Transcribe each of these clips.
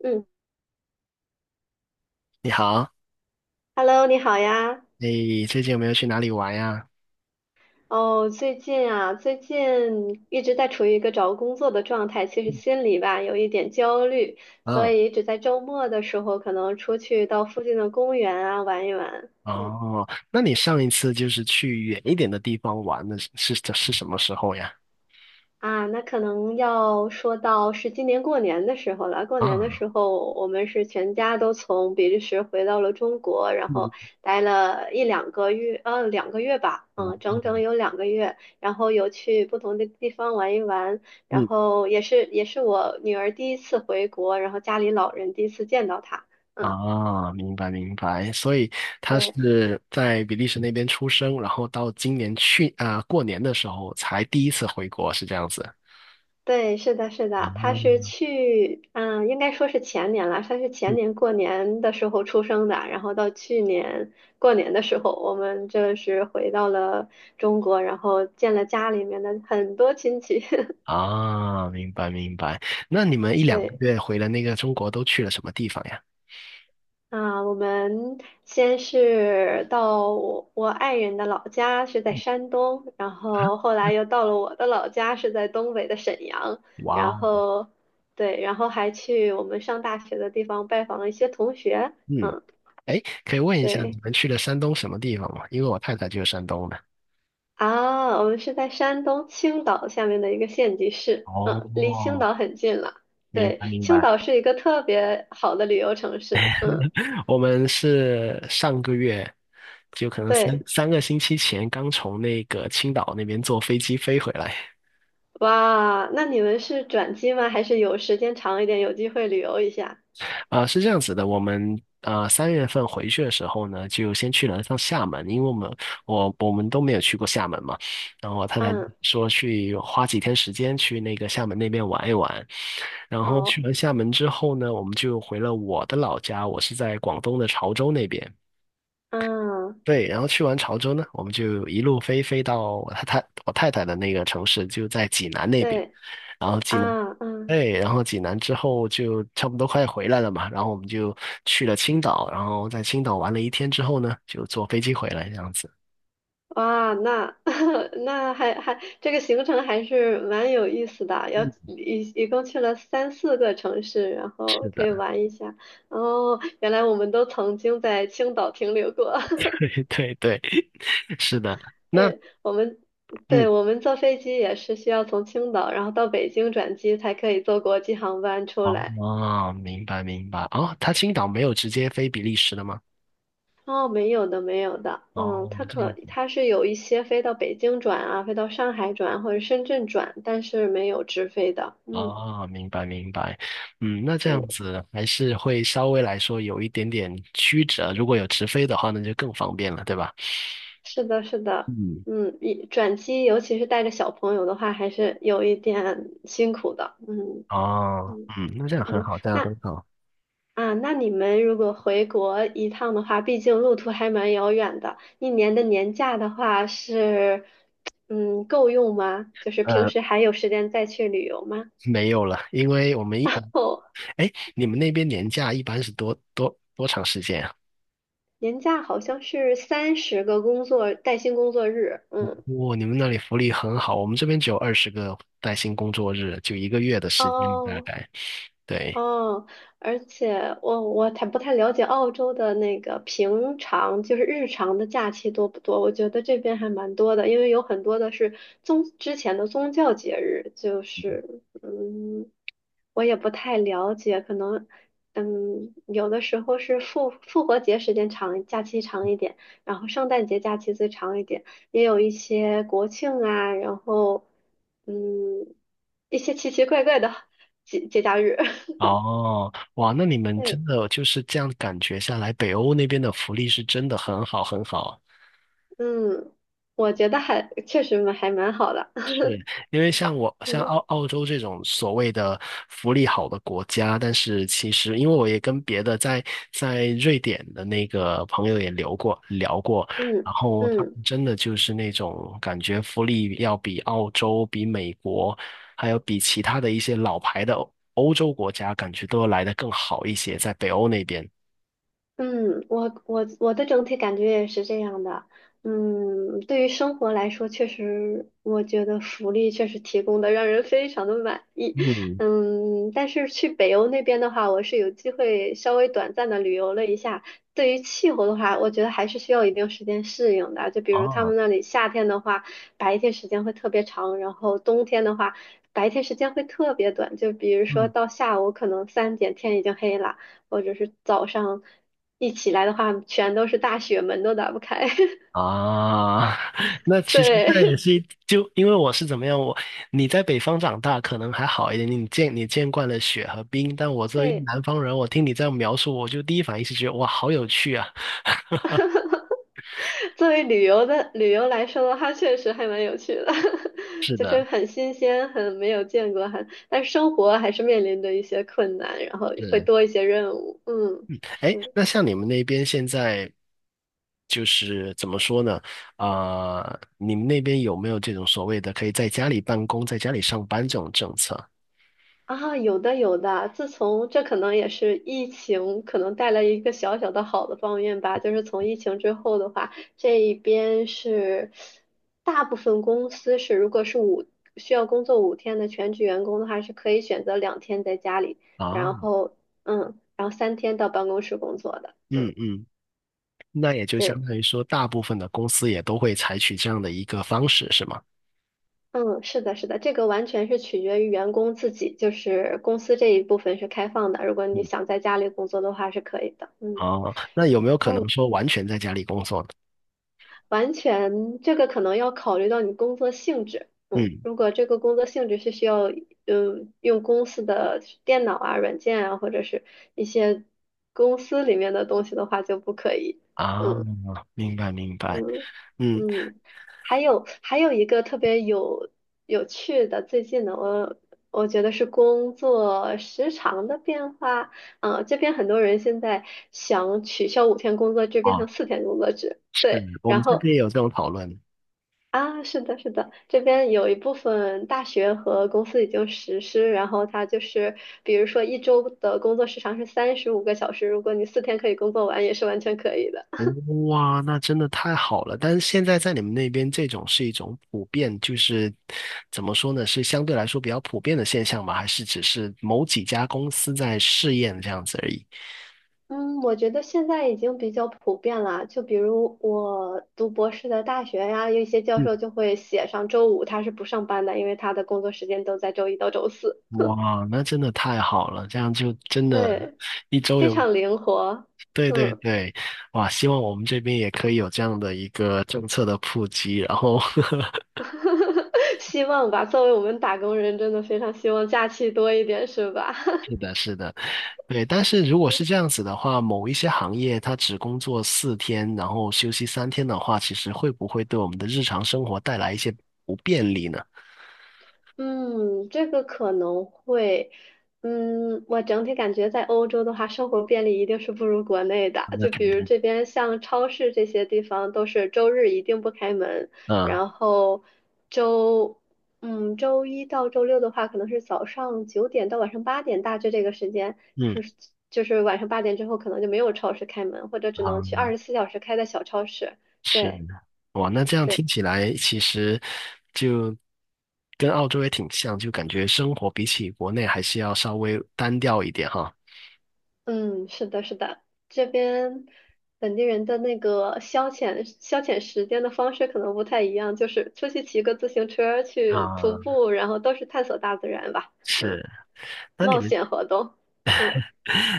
嗯你好，，Hello，你好呀。你最近有没有去哪里玩呀？哦，最近一直在处于一个找工作的状态，其实心里吧有一点焦虑，所啊，以只在周末的时候可能出去到附近的公园啊玩一玩。嗯。哦，那你上一次就是去远一点的地方玩的是什么时候呀？啊，那可能要说到是今年过年的时候了。过年的啊，时候，我们是全家都从比利时回到了中国，然嗯后待了一两个月，两个月吧，嗯，整整有两个月。然后有去不同的地方玩一玩，然嗯，后也是我女儿第一次回国，然后家里老人第一次见到她，嗯，啊，明白明白。所以他对。是在比利时那边出生，然后到今年去啊、过年的时候才第一次回国，是这样子。对，是的，是啊，的，他是嗯去，嗯，应该说是前年了，他是前年过年的时候出生的，然后到去年过年的时候，我们这是回到了中国，然后见了家里面的很多亲戚，啊，明白明白。那你们一两个对。月回了那个中国都去了什么地方呀？啊，我们先是到我爱人的老家是在嗯山东，然啊，后后来又到了我的老家是在东北的沈阳，哇然哦，后对，然后还去我们上大学的地方拜访了一些同学，嗯。嗯，哎，可以问一下你对，们去了山东什么地方吗？因为我太太就是山东的。啊，我们是在山东青岛下面的一个县级市，嗯，离青哦，岛很近了，明白对，明青白。岛是一个特别好的旅游城市，嗯，我们是上个月，就可能三对。三个星期前刚从那个青岛那边坐飞机飞回来。哇，那你们是转机吗？还是有时间长一点，有机会旅游一下？啊，是这样子的，我们啊3月份回去的时候呢，就先去了趟厦门，因为我们我们都没有去过厦门嘛，然后我太太嗯，说去花几天时间去那个厦门那边玩一玩，然后去好，完厦门之后呢，我们就回了我的老家，我是在广东的潮州那边。嗯，对，然后去完潮州呢，我们就一路飞到我太太的那个城市，就在济南那边。对，然后济南，啊，嗯，对，然后济南之后就差不多快回来了嘛，然后我们就去了青岛，然后在青岛玩了一天之后呢，就坐飞机回来这样子。哇，那 那这个行程还是蛮有意思的，要一共去了三四个城市，然后是可以的，玩一下。哦，原来我们都曾经在青岛停留过。对，是的。那对，我们，嗯，对，我们坐飞机也是需要从青岛，然后到北京转机才可以坐国际航班出来。哦，明白明白。哦，他青岛没有直接飞比利时的吗？哦，没有的，没有的，嗯，哦，它这可样子。它是有一些飞到北京转啊，飞到上海转或者深圳转，但是没有直飞的，嗯，哦，明白明白，嗯，那这样对，子还是会稍微来说有一点点曲折，如果有直飞的话，那就更方便了，对吧？是的，是的，嗯，嗯，一转机尤其是带着小朋友的话，还是有一点辛苦的。嗯哦，嗯嗯，那这样很嗯，好，这样那很好。啊，那你们如果回国一趟的话，毕竟路途还蛮遥远的，一年的年假的话是嗯够用吗？就是平呃，时还有时间再去旅游吗？没有了，因为我们一，哦，哎，你们那边年假一般是多长时间啊？年假好像是30个工作带薪工作日，嗯，哇，你们那里福利很好，我们这边只有20个带薪工作日，就一个月的时间大哦，概。对，哦，而且我太不太了解澳洲的那个平常就是日常的假期多不多？我觉得这边还蛮多的，因为有很多的是之前的宗教节日，就是嗯，我也不太了解，可能嗯有的时候是复活节时间长，假期长一点，然后圣诞节假期最长一点，也有一些国庆啊，然后嗯一些奇奇怪怪的 节假日。哦，哇，那你们真对，的就是这样感觉下来，北欧那边的福利是真的很好。嗯，我觉得还确实蛮好的，因为 像我像澳嗯澳洲这种所谓的福利好的国家，但是其实因为我也跟别的在在瑞典的那个朋友也聊过，嗯然后他们嗯。真的就是那种感觉福利要比澳洲、比美国，还有比其他的一些老牌的欧洲国家，感觉都要来得更好一些，在北欧那边。嗯，我的整体感觉也是这样的。嗯，对于生活来说，确实我觉得福利确实提供的让人非常的满意。嗯，嗯，但是去北欧那边的话，我是有机会稍微短暂的旅游了一下。对于气候的话，我觉得还是需要一定时间适应的。就比如他啊。们那里夏天的话，白天时间会特别长，然后冬天的话，白天时间会特别短。就比如说嗯。到下午可能3点天已经黑了。或者是早上一起来的话，全都是大雪，门都打不开。啊，那其实那也对 是一就因为我是怎么样，我你在北方长大可能还好一点，你见你见惯了雪和冰，但我 作为一个对，南方人，我听你这样描述，我就第一反应是觉得哇，好有趣啊！作为旅游的旅游来说的话，确实还蛮有趣的，是就是的，很新鲜，很没有见过，很但是生活还是面临着一些困难，然后会是。多一些任务。嗯哎，嗯。那像你们那边现在就是怎么说呢？啊、你们那边有没有这种所谓的可以在家里办公、在家里上班这种政策啊，有的有的，自从这可能也是疫情，可能带来一个小小的好的方面吧，就是从疫情之后的话，这一边是大部分公司是，如果是需要工作五天的全职员工的话，是可以选择2天在家里，啊？然后嗯，然后3天到办公室工作的，嗯嗯，嗯，那也就相对，当于说，大部分的公司也都会采取这样的一个方式，是吗？嗯，是的，是的，这个完全是取决于员工自己，就是公司这一部分是开放的，如果你想在家里工作的话是可以的，嗯。哦，那有没有可能嗯，说完全在家里工作呢？完全，这个可能要考虑到你工作性质。嗯，嗯，如果这个工作性质是需要，嗯，用公司的电脑啊、软件啊，或者是一些公司里面的东西的话，就不可以。啊，嗯明白明白，嗯嗯，嗯，还有一个特别有趣的，最近的我觉得是工作时长的变化。嗯，这边很多人现在想取消五天工作制，变啊，成四天工作制。是对，我们然这后边也有这种讨论。啊，是的，是的，这边有一部分大学和公司已经实施，然后它就是，比如说一周的工作时长是35个小时，如果你四天可以工作完，也是完全可以的。哇，那真的太好了！但是现在在你们那边，这种是一种普遍，就是怎么说呢？是相对来说比较普遍的现象吗？还是只是某几家公司在试验这样子而已？嗯，我觉得现在已经比较普遍了。就比如我读博士的大学呀，有一些教嗯，授就会写上周五他是不上班的，因为他的工作时间都在周一到周四。哇，那真的太好了！这样就真的，对，一周非有常灵活。对对嗯。对，哇！希望我们这边也可以有这样的一个政策的普及。然后，希望吧，作为我们打工人，真的非常希望假期多一点，是吧？是的，是的，对。但是如果是这样子的话，某一些行业它只工作4天，然后休息3天的话，其实会不会对我们的日常生活带来一些不便利呢？嗯，这个可能会，嗯，我整体感觉在欧洲的话，生活便利一定是不如国内的。那就比肯如定，这边像超市这些地方，都是周日一定不开门，嗯然后周，嗯，周一到周六的话，可能是早上9点到晚上八点，大致这个时间嗯，是，就是晚上八点之后可能就没有超市开门，或者只能去啊，24小时开的小超市。是对。哇。那这样对听起来，其实就跟澳洲也挺像，就感觉生活比起国内还是要稍微单调一点哈。嗯，是的，是的，这边本地人的那个消遣消遣时间的方式可能不太一样，就是出去骑个自行车，去啊，徒步，然后都是探索大自然吧，嗯，是。那你冒们，险活动，嗯。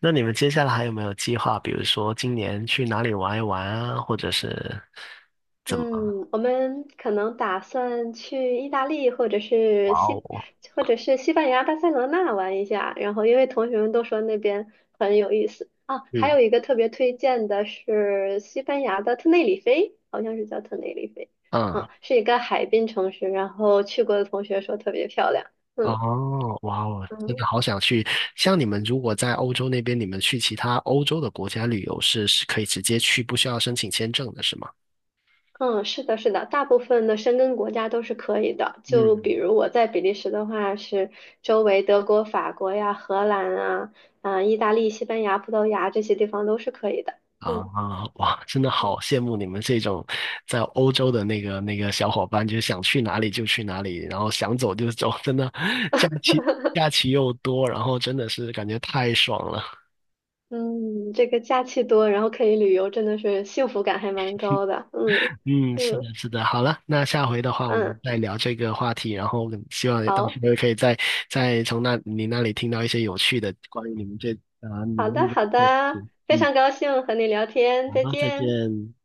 那你们接下来还有没有计划？比如说今年去哪里玩一玩啊，或者是怎么？嗯，我们可能打算去意大利或者哇是西哦，或者是西班牙巴塞罗那玩一下，然后因为同学们都说那边很有意思啊，还嗯有一个特别推荐的是西班牙的特内里菲，好像是叫特内里菲，嗯，嗯，是一个海滨城市，然后去过的同学说特别漂亮，嗯哦，哇哦，真的嗯。好想去。像你们如果在欧洲那边，你们去其他欧洲的国家旅游是可以直接去，不需要申请签证的，是吗？嗯，是的，是的，大部分的申根国家都是可以的。就比嗯如我在比利时的话，是周围德国、法国呀、荷兰啊、啊、意大利、西班牙、葡萄牙这些地方都是可以的。啊，嗯哇，真的好羡慕你们这种在欧洲的那个小伙伴，就是想去哪里就去哪里，然后想走就走，真的假期假期又多，然后真的是感觉太爽了。嗯，这个假期多，然后可以旅游，真的是幸福感还蛮高的。嗯嗯，是嗯的，是的。好了，那下回的话我们嗯，再聊这个话题，然后希望到时好候可以再从那你那里听到一些有趣的关于你们这啊、你们好那的边好的事的，情。非嗯，常高兴和你聊天，好，再再见。见。